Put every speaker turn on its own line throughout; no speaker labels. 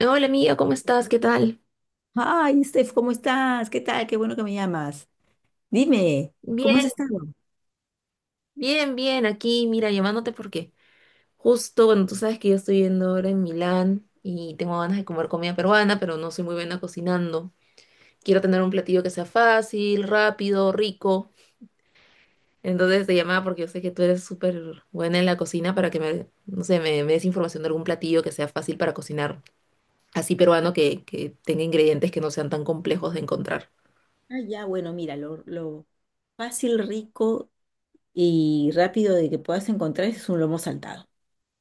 Hola amiga, ¿cómo estás? ¿Qué tal?
Ay, Steph, ¿cómo estás? ¿Qué tal? Qué bueno que me llamas. Dime, ¿cómo has
Bien,
estado?
bien, bien, aquí, mira, llamándote porque justo, bueno, tú sabes que yo estoy viendo ahora en Milán y tengo ganas de comer comida peruana, pero no soy muy buena cocinando. Quiero tener un platillo que sea fácil, rápido, rico. Entonces te llamaba porque yo sé que tú eres súper buena en la cocina para que me, no sé, me des información de algún platillo que sea fácil para cocinar, así peruano que tenga ingredientes que no sean tan complejos de encontrar.
Ah, ya, bueno, mira, lo fácil, rico y rápido de que puedas encontrar es un lomo saltado.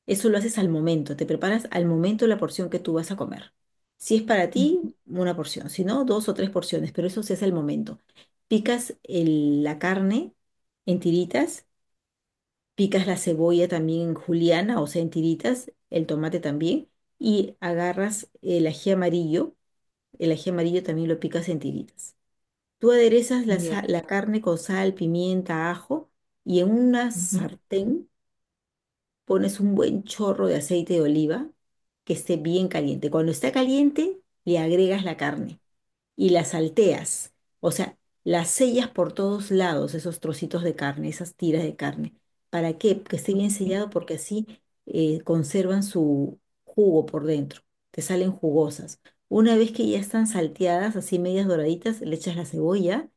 Eso lo haces al momento, te preparas al momento la porción que tú vas a comer. Si es para ti, una porción, si no, dos o tres porciones, pero eso se hace al momento. Picas la carne en tiritas. Picas la cebolla también en juliana, o sea, en tiritas, el tomate también, y agarras el ají amarillo también lo picas en tiritas. Tú aderezas
Ya.
la carne con sal, pimienta, ajo, y en una
Ujú,
sartén pones un buen chorro de aceite de oliva que esté bien caliente. Cuando está caliente, le agregas la carne y las salteas, o sea, las sellas por todos lados, esos trocitos de carne, esas tiras de carne. ¿Para qué? Que esté bien sellado porque así conservan su jugo por dentro, te salen jugosas. Una vez que ya están salteadas, así medias doraditas, le echas la cebolla,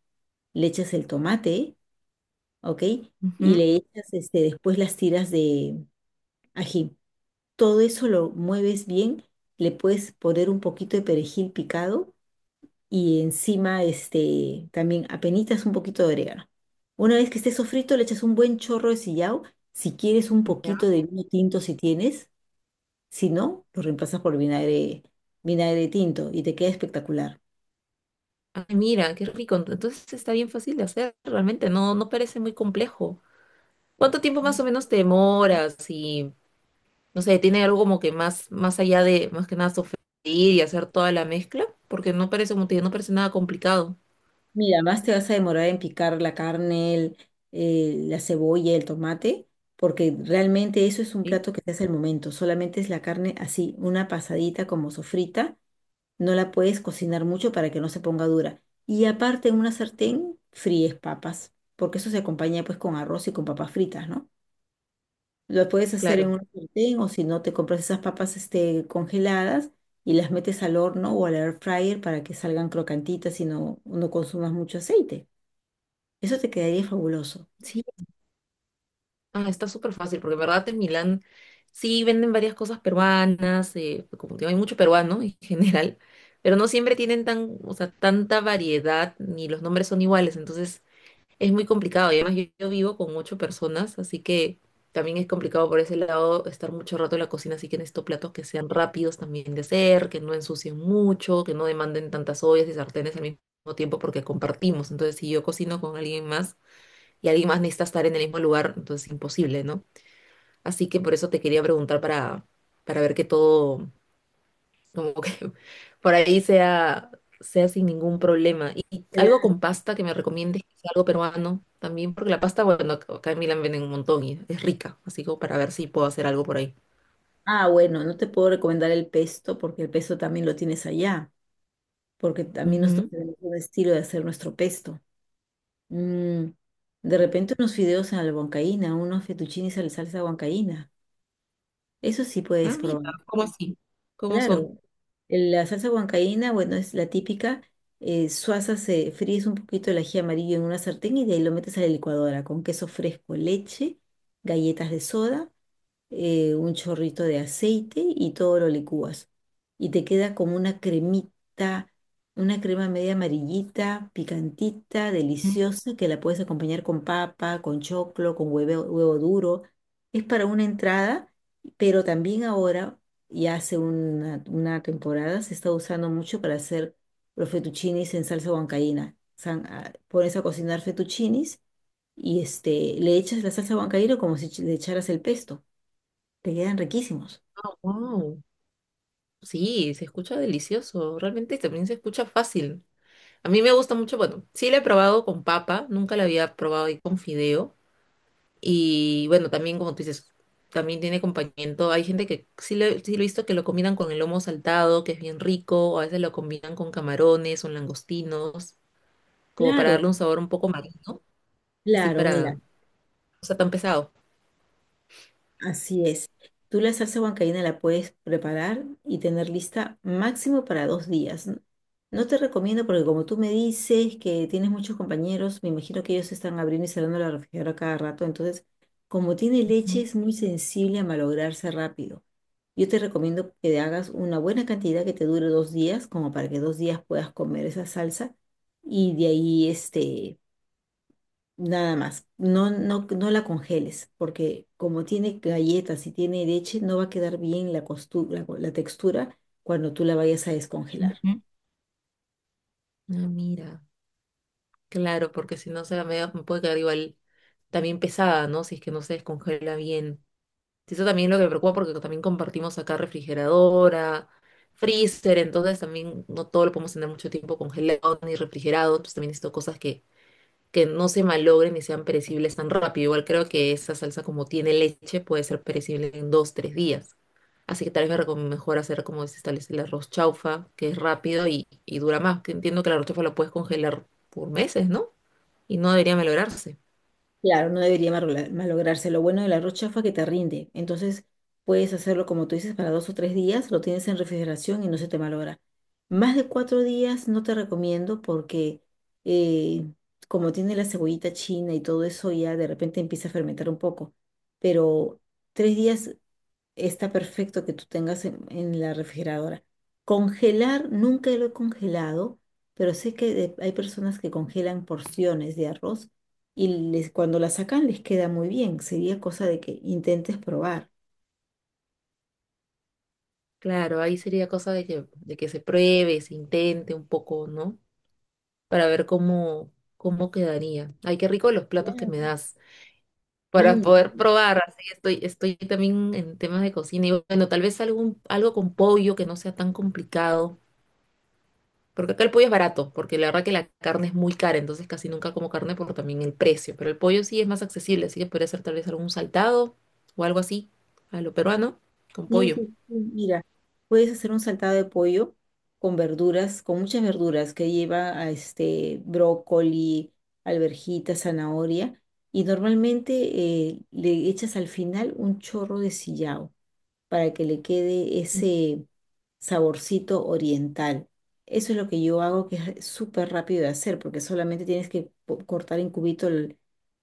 le echas el tomate, ¿ok? Y
ujú.
le echas este, después las tiras de ají. Todo eso lo mueves bien, le puedes poner un poquito de perejil picado y encima este, también apenitas un poquito de orégano. Una vez que esté sofrito, le echas un buen chorro de sillao. Si quieres un
Ya.
poquito de vino tinto, si tienes, si no, lo reemplazas por vinagre, vinagre tinto y te queda espectacular.
Ay, mira, qué rico. Entonces está bien fácil de hacer, realmente. No, no parece muy complejo. ¿Cuánto tiempo más o menos te demoras? Y, no sé, ¿tiene algo como que más, más allá de, más que nada, sofreír y hacer toda la mezcla? Porque no parece, como te digo, no parece nada complicado.
Mira, más te vas a demorar en picar la carne, la cebolla, el tomate, porque realmente eso es un
¿Sí?
plato que se hace al momento. Solamente es la carne así, una pasadita como sofrita. No la puedes cocinar mucho para que no se ponga dura. Y aparte en una sartén fríes papas, porque eso se acompaña pues con arroz y con papas fritas, ¿no? Lo puedes hacer en
Claro.
una sartén o si no te compras esas papas este, congeladas y las metes al horno o al air fryer para que salgan crocantitas y no, no consumas mucho aceite. Eso te quedaría fabuloso.
Sí. Ah, está súper fácil, porque en verdad en Milán sí venden varias cosas peruanas, pues, como te digo, hay mucho peruano en general, pero no siempre tienen tan, o sea, tanta variedad, ni los nombres son iguales. Entonces es muy complicado y además yo vivo con ocho personas, así que también es complicado por ese lado estar mucho rato en la cocina, así que necesito platos que sean rápidos también de hacer, que no ensucien mucho, que no demanden tantas ollas y sartenes al mismo tiempo porque compartimos. Entonces, si yo cocino con alguien más y alguien más necesita estar en el mismo lugar, entonces es imposible, ¿no? Así que por eso te quería preguntar para ver que todo, como que por ahí sea, sea sin ningún problema. Y algo
Claro.
con pasta que me recomiendes, quizá algo peruano también, porque la pasta, bueno, acá en Milán venden un montón y es rica, así como para ver si puedo hacer algo por ahí.
Ah, bueno, no te puedo recomendar el pesto porque el pesto también lo tienes allá, porque también nosotros
Ujú.
tenemos un estilo de hacer nuestro pesto. Mm, de repente unos fideos a la huancaína, unos fettuccines a la salsa huancaína. Eso sí
Ah,
puedes
mira,
probar.
¿cómo así? ¿Cómo son?
Claro, la salsa huancaína, bueno, es la típica. Suaza se fríes un poquito el ají amarillo en una sartén y de ahí lo metes a la licuadora con queso fresco, leche, galletas de soda, un chorrito de aceite y todo lo licúas. Y te queda como una cremita, una crema media amarillita, picantita,
Mm.
deliciosa, que la puedes acompañar con papa, con choclo, con huevo, huevo duro. Es para una entrada, pero también ahora, y hace una temporada, se está usando mucho para hacer los fettuccinis en salsa huancaína. Pones a cocinar fettuccinis y este, le echas la salsa huancaína como si le echaras el pesto. Te quedan riquísimos.
Ah, wow. Sí, se escucha delicioso, realmente también se escucha fácil. A mí me gusta mucho, bueno, sí la he probado con papa, nunca la había probado ahí con fideo. Y bueno, también como tú dices, también tiene acompañamiento. Hay gente que sí lo he visto que lo combinan con el lomo saltado, que es bien rico, o a veces lo combinan con camarones o langostinos, como para
Claro,
darle un sabor un poco marino, así
claro,
para
mira,
no sea tan pesado.
así es. Tú la salsa huancaína la puedes preparar y tener lista máximo para 2 días. No te recomiendo porque como tú me dices que tienes muchos compañeros, me imagino que ellos están abriendo y cerrando la refrigeradora cada rato. Entonces, como tiene leche,
Ujú,
es muy sensible a malograrse rápido. Yo te recomiendo que te hagas una buena cantidad que te dure 2 días, como para que 2 días puedas comer esa salsa y de ahí este nada más. No, no, no la congeles, porque como tiene galletas y tiene leche, no va a quedar bien la textura cuando tú la vayas a descongelar.
ujú. Ah, mira, claro, porque si no se la media me puede quedar igual también pesada, ¿no? Si es que no se descongela bien. Sí, eso también es lo que me preocupa porque también compartimos acá refrigeradora, freezer, entonces también no todo lo podemos tener mucho tiempo congelado ni refrigerado, entonces también necesito cosas que no se malogren ni sean perecibles tan rápido. Igual creo que esa salsa como tiene leche puede ser perecible en dos, tres días. Así que tal vez me mejor hacer como se establece el arroz chaufa, que es rápido y dura más. Que entiendo que el arroz chaufa lo puedes congelar por meses, ¿no? Y no debería malograrse.
Claro, no debería malograrse. Lo bueno del arroz chafa es que te rinde. Entonces puedes hacerlo como tú dices para 2 o 3 días, lo tienes en refrigeración y no se te malogra. Más de 4 días no te recomiendo porque eh, como tiene la cebollita china y todo eso, ya de repente empieza a fermentar un poco. Pero 3 días está perfecto que tú tengas en la refrigeradora. Congelar, nunca lo he congelado, pero sé que hay personas que congelan porciones de arroz y cuando la sacan les queda muy bien. Sería cosa de que intentes probar.
Claro, ahí sería cosa de que se pruebe, se intente un poco, ¿no? Para ver cómo, cómo quedaría. Ay, qué rico los platos que me
Claro,
das para
sí,
poder probar. Así estoy también en temas de cocina. Y bueno, tal vez algún, algo con pollo que no sea tan complicado. Porque acá el pollo es barato, porque la verdad que la carne es muy cara, entonces casi nunca como carne por también el precio. Pero el pollo sí es más accesible, así que podría ser tal vez algún saltado o algo así, a lo peruano, con
sí,
pollo.
sí, sí, mira, puedes hacer un saltado de pollo con verduras, con muchas verduras que lleva a este brócoli, alverjita, zanahoria, y normalmente le echas al final un chorro de sillao para que le quede ese saborcito oriental. Eso es lo que yo hago, que es súper rápido de hacer, porque solamente tienes que cortar en cubito el,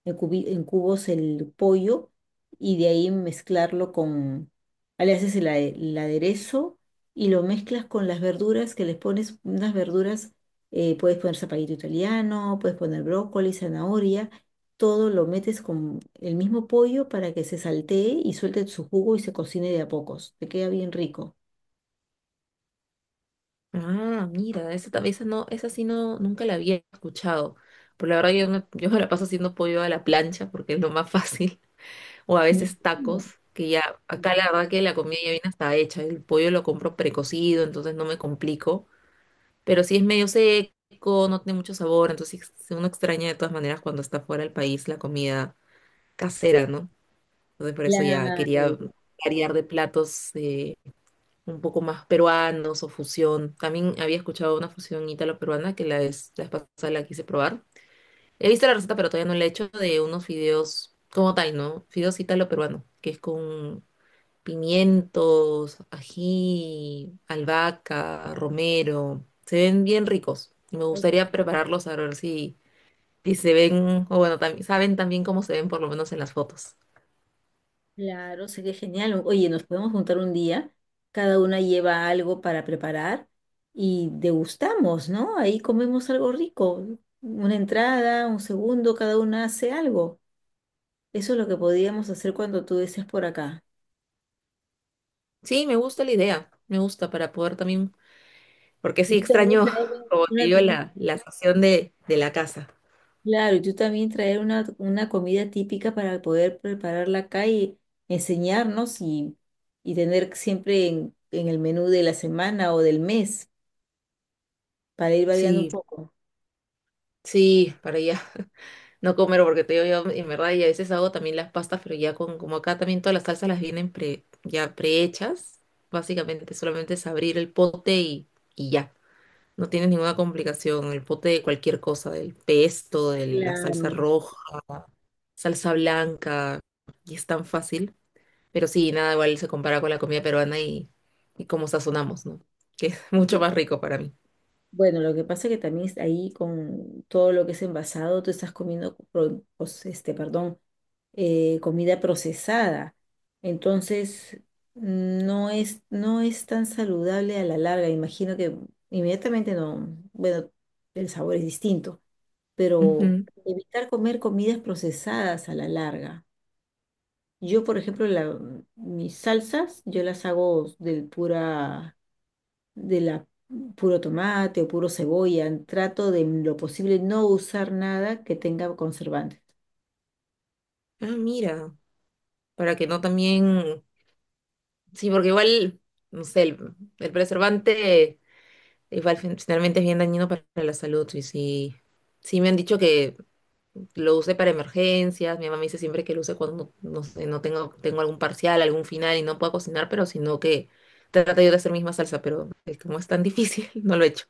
en cubi- en cubos el pollo y de ahí mezclarlo con, le haces el aderezo y lo mezclas con las verduras, que les pones unas verduras, puedes poner zapallito italiano, puedes poner brócoli, zanahoria, todo lo metes con el mismo pollo para que se saltee y suelte su jugo y se cocine de a pocos. Te queda bien rico.
Ah, mira, esa, esa no, esa sí no, nunca la había escuchado. Por la verdad yo me la paso haciendo pollo a la plancha porque es lo más fácil. O a
Mira,
veces tacos, que ya, acá la
ajá,
verdad que la comida ya viene hasta hecha. El pollo lo compro precocido, entonces no me complico. Pero si es medio seco, no tiene mucho sabor, entonces uno extraña de todas maneras cuando está fuera del país la comida casera, ¿no? Entonces por eso ya
claro,
quería variar de platos, un poco más peruanos o fusión. También había escuchado una fusión ítalo-peruana que la vez pasada la quise probar. He visto la receta, pero todavía no la he hecho de unos fideos como tal, ¿no? Fideos ítalo-peruano, que es con pimientos, ají, albahaca, romero. Se ven bien ricos y me
ok,
gustaría prepararlos a ver si, si se ven, o bueno, también, saben también cómo se ven por lo menos en las fotos.
claro, sé que genial. Oye, nos podemos juntar un día, cada una lleva algo para preparar y degustamos, ¿no? Ahí comemos algo rico, una entrada, un segundo, cada una hace algo. Eso es lo que podíamos hacer cuando tú estés por acá.
Sí, me gusta la idea, me gusta para poder también porque
Y
sí
tú también
extraño,
traes
como te
una.
digo, la sazón de la casa.
Claro, y tú también traer una comida típica para poder prepararla acá y enseñarnos y tener siempre en el menú de la semana o del mes para ir variando un
Sí,
poco.
sí, para ya no comer, porque te digo, yo en verdad, y a veces hago también las pastas, pero ya con, como acá también todas las salsas las vienen pre, ya prehechas, básicamente solamente es abrir el pote y ya. No tienes ninguna complicación, el pote de cualquier cosa, del pesto, de la salsa
Claro.
roja, salsa blanca, y es tan fácil. Pero sí, nada igual se compara con la comida peruana y cómo sazonamos, ¿no? Que es mucho
Sí.
más rico para mí.
Bueno, lo que pasa es que también es ahí con todo lo que es envasado, tú estás comiendo, pues, este, perdón, comida procesada. Entonces, no es, no es tan saludable a la larga. Imagino que inmediatamente no, bueno, el sabor es distinto, pero
Ujú.
evitar comer comidas procesadas a la larga. Yo, por ejemplo, mis salsas, yo las hago de pura, de la puro tomate o puro cebolla. Trato de lo posible no usar nada que tenga conservantes.
Ah, mira, para que no también, sí, porque igual, no sé, el preservante igual finalmente es bien dañino para la salud, y sí, sí me han dicho que lo use para emergencias, mi mamá me dice siempre que lo use cuando, no sé, no tengo, tengo algún parcial, algún final y no puedo cocinar, pero sino que trata yo de hacer misma salsa, pero como es tan difícil, no lo he hecho.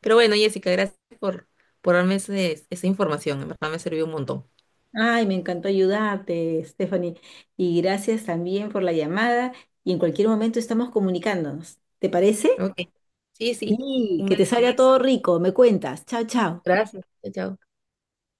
Pero bueno, Jessica, gracias por darme esa información, en verdad me sirvió un montón.
Ay, me encantó ayudarte, Stephanie. Y gracias también por la llamada. Y en cualquier momento estamos comunicándonos. ¿Te parece?
Ok, sí, sí,
Sí,
un
que te
beso.
salga todo rico. Me cuentas. Chao, chao.
Gracias. Chao, chao.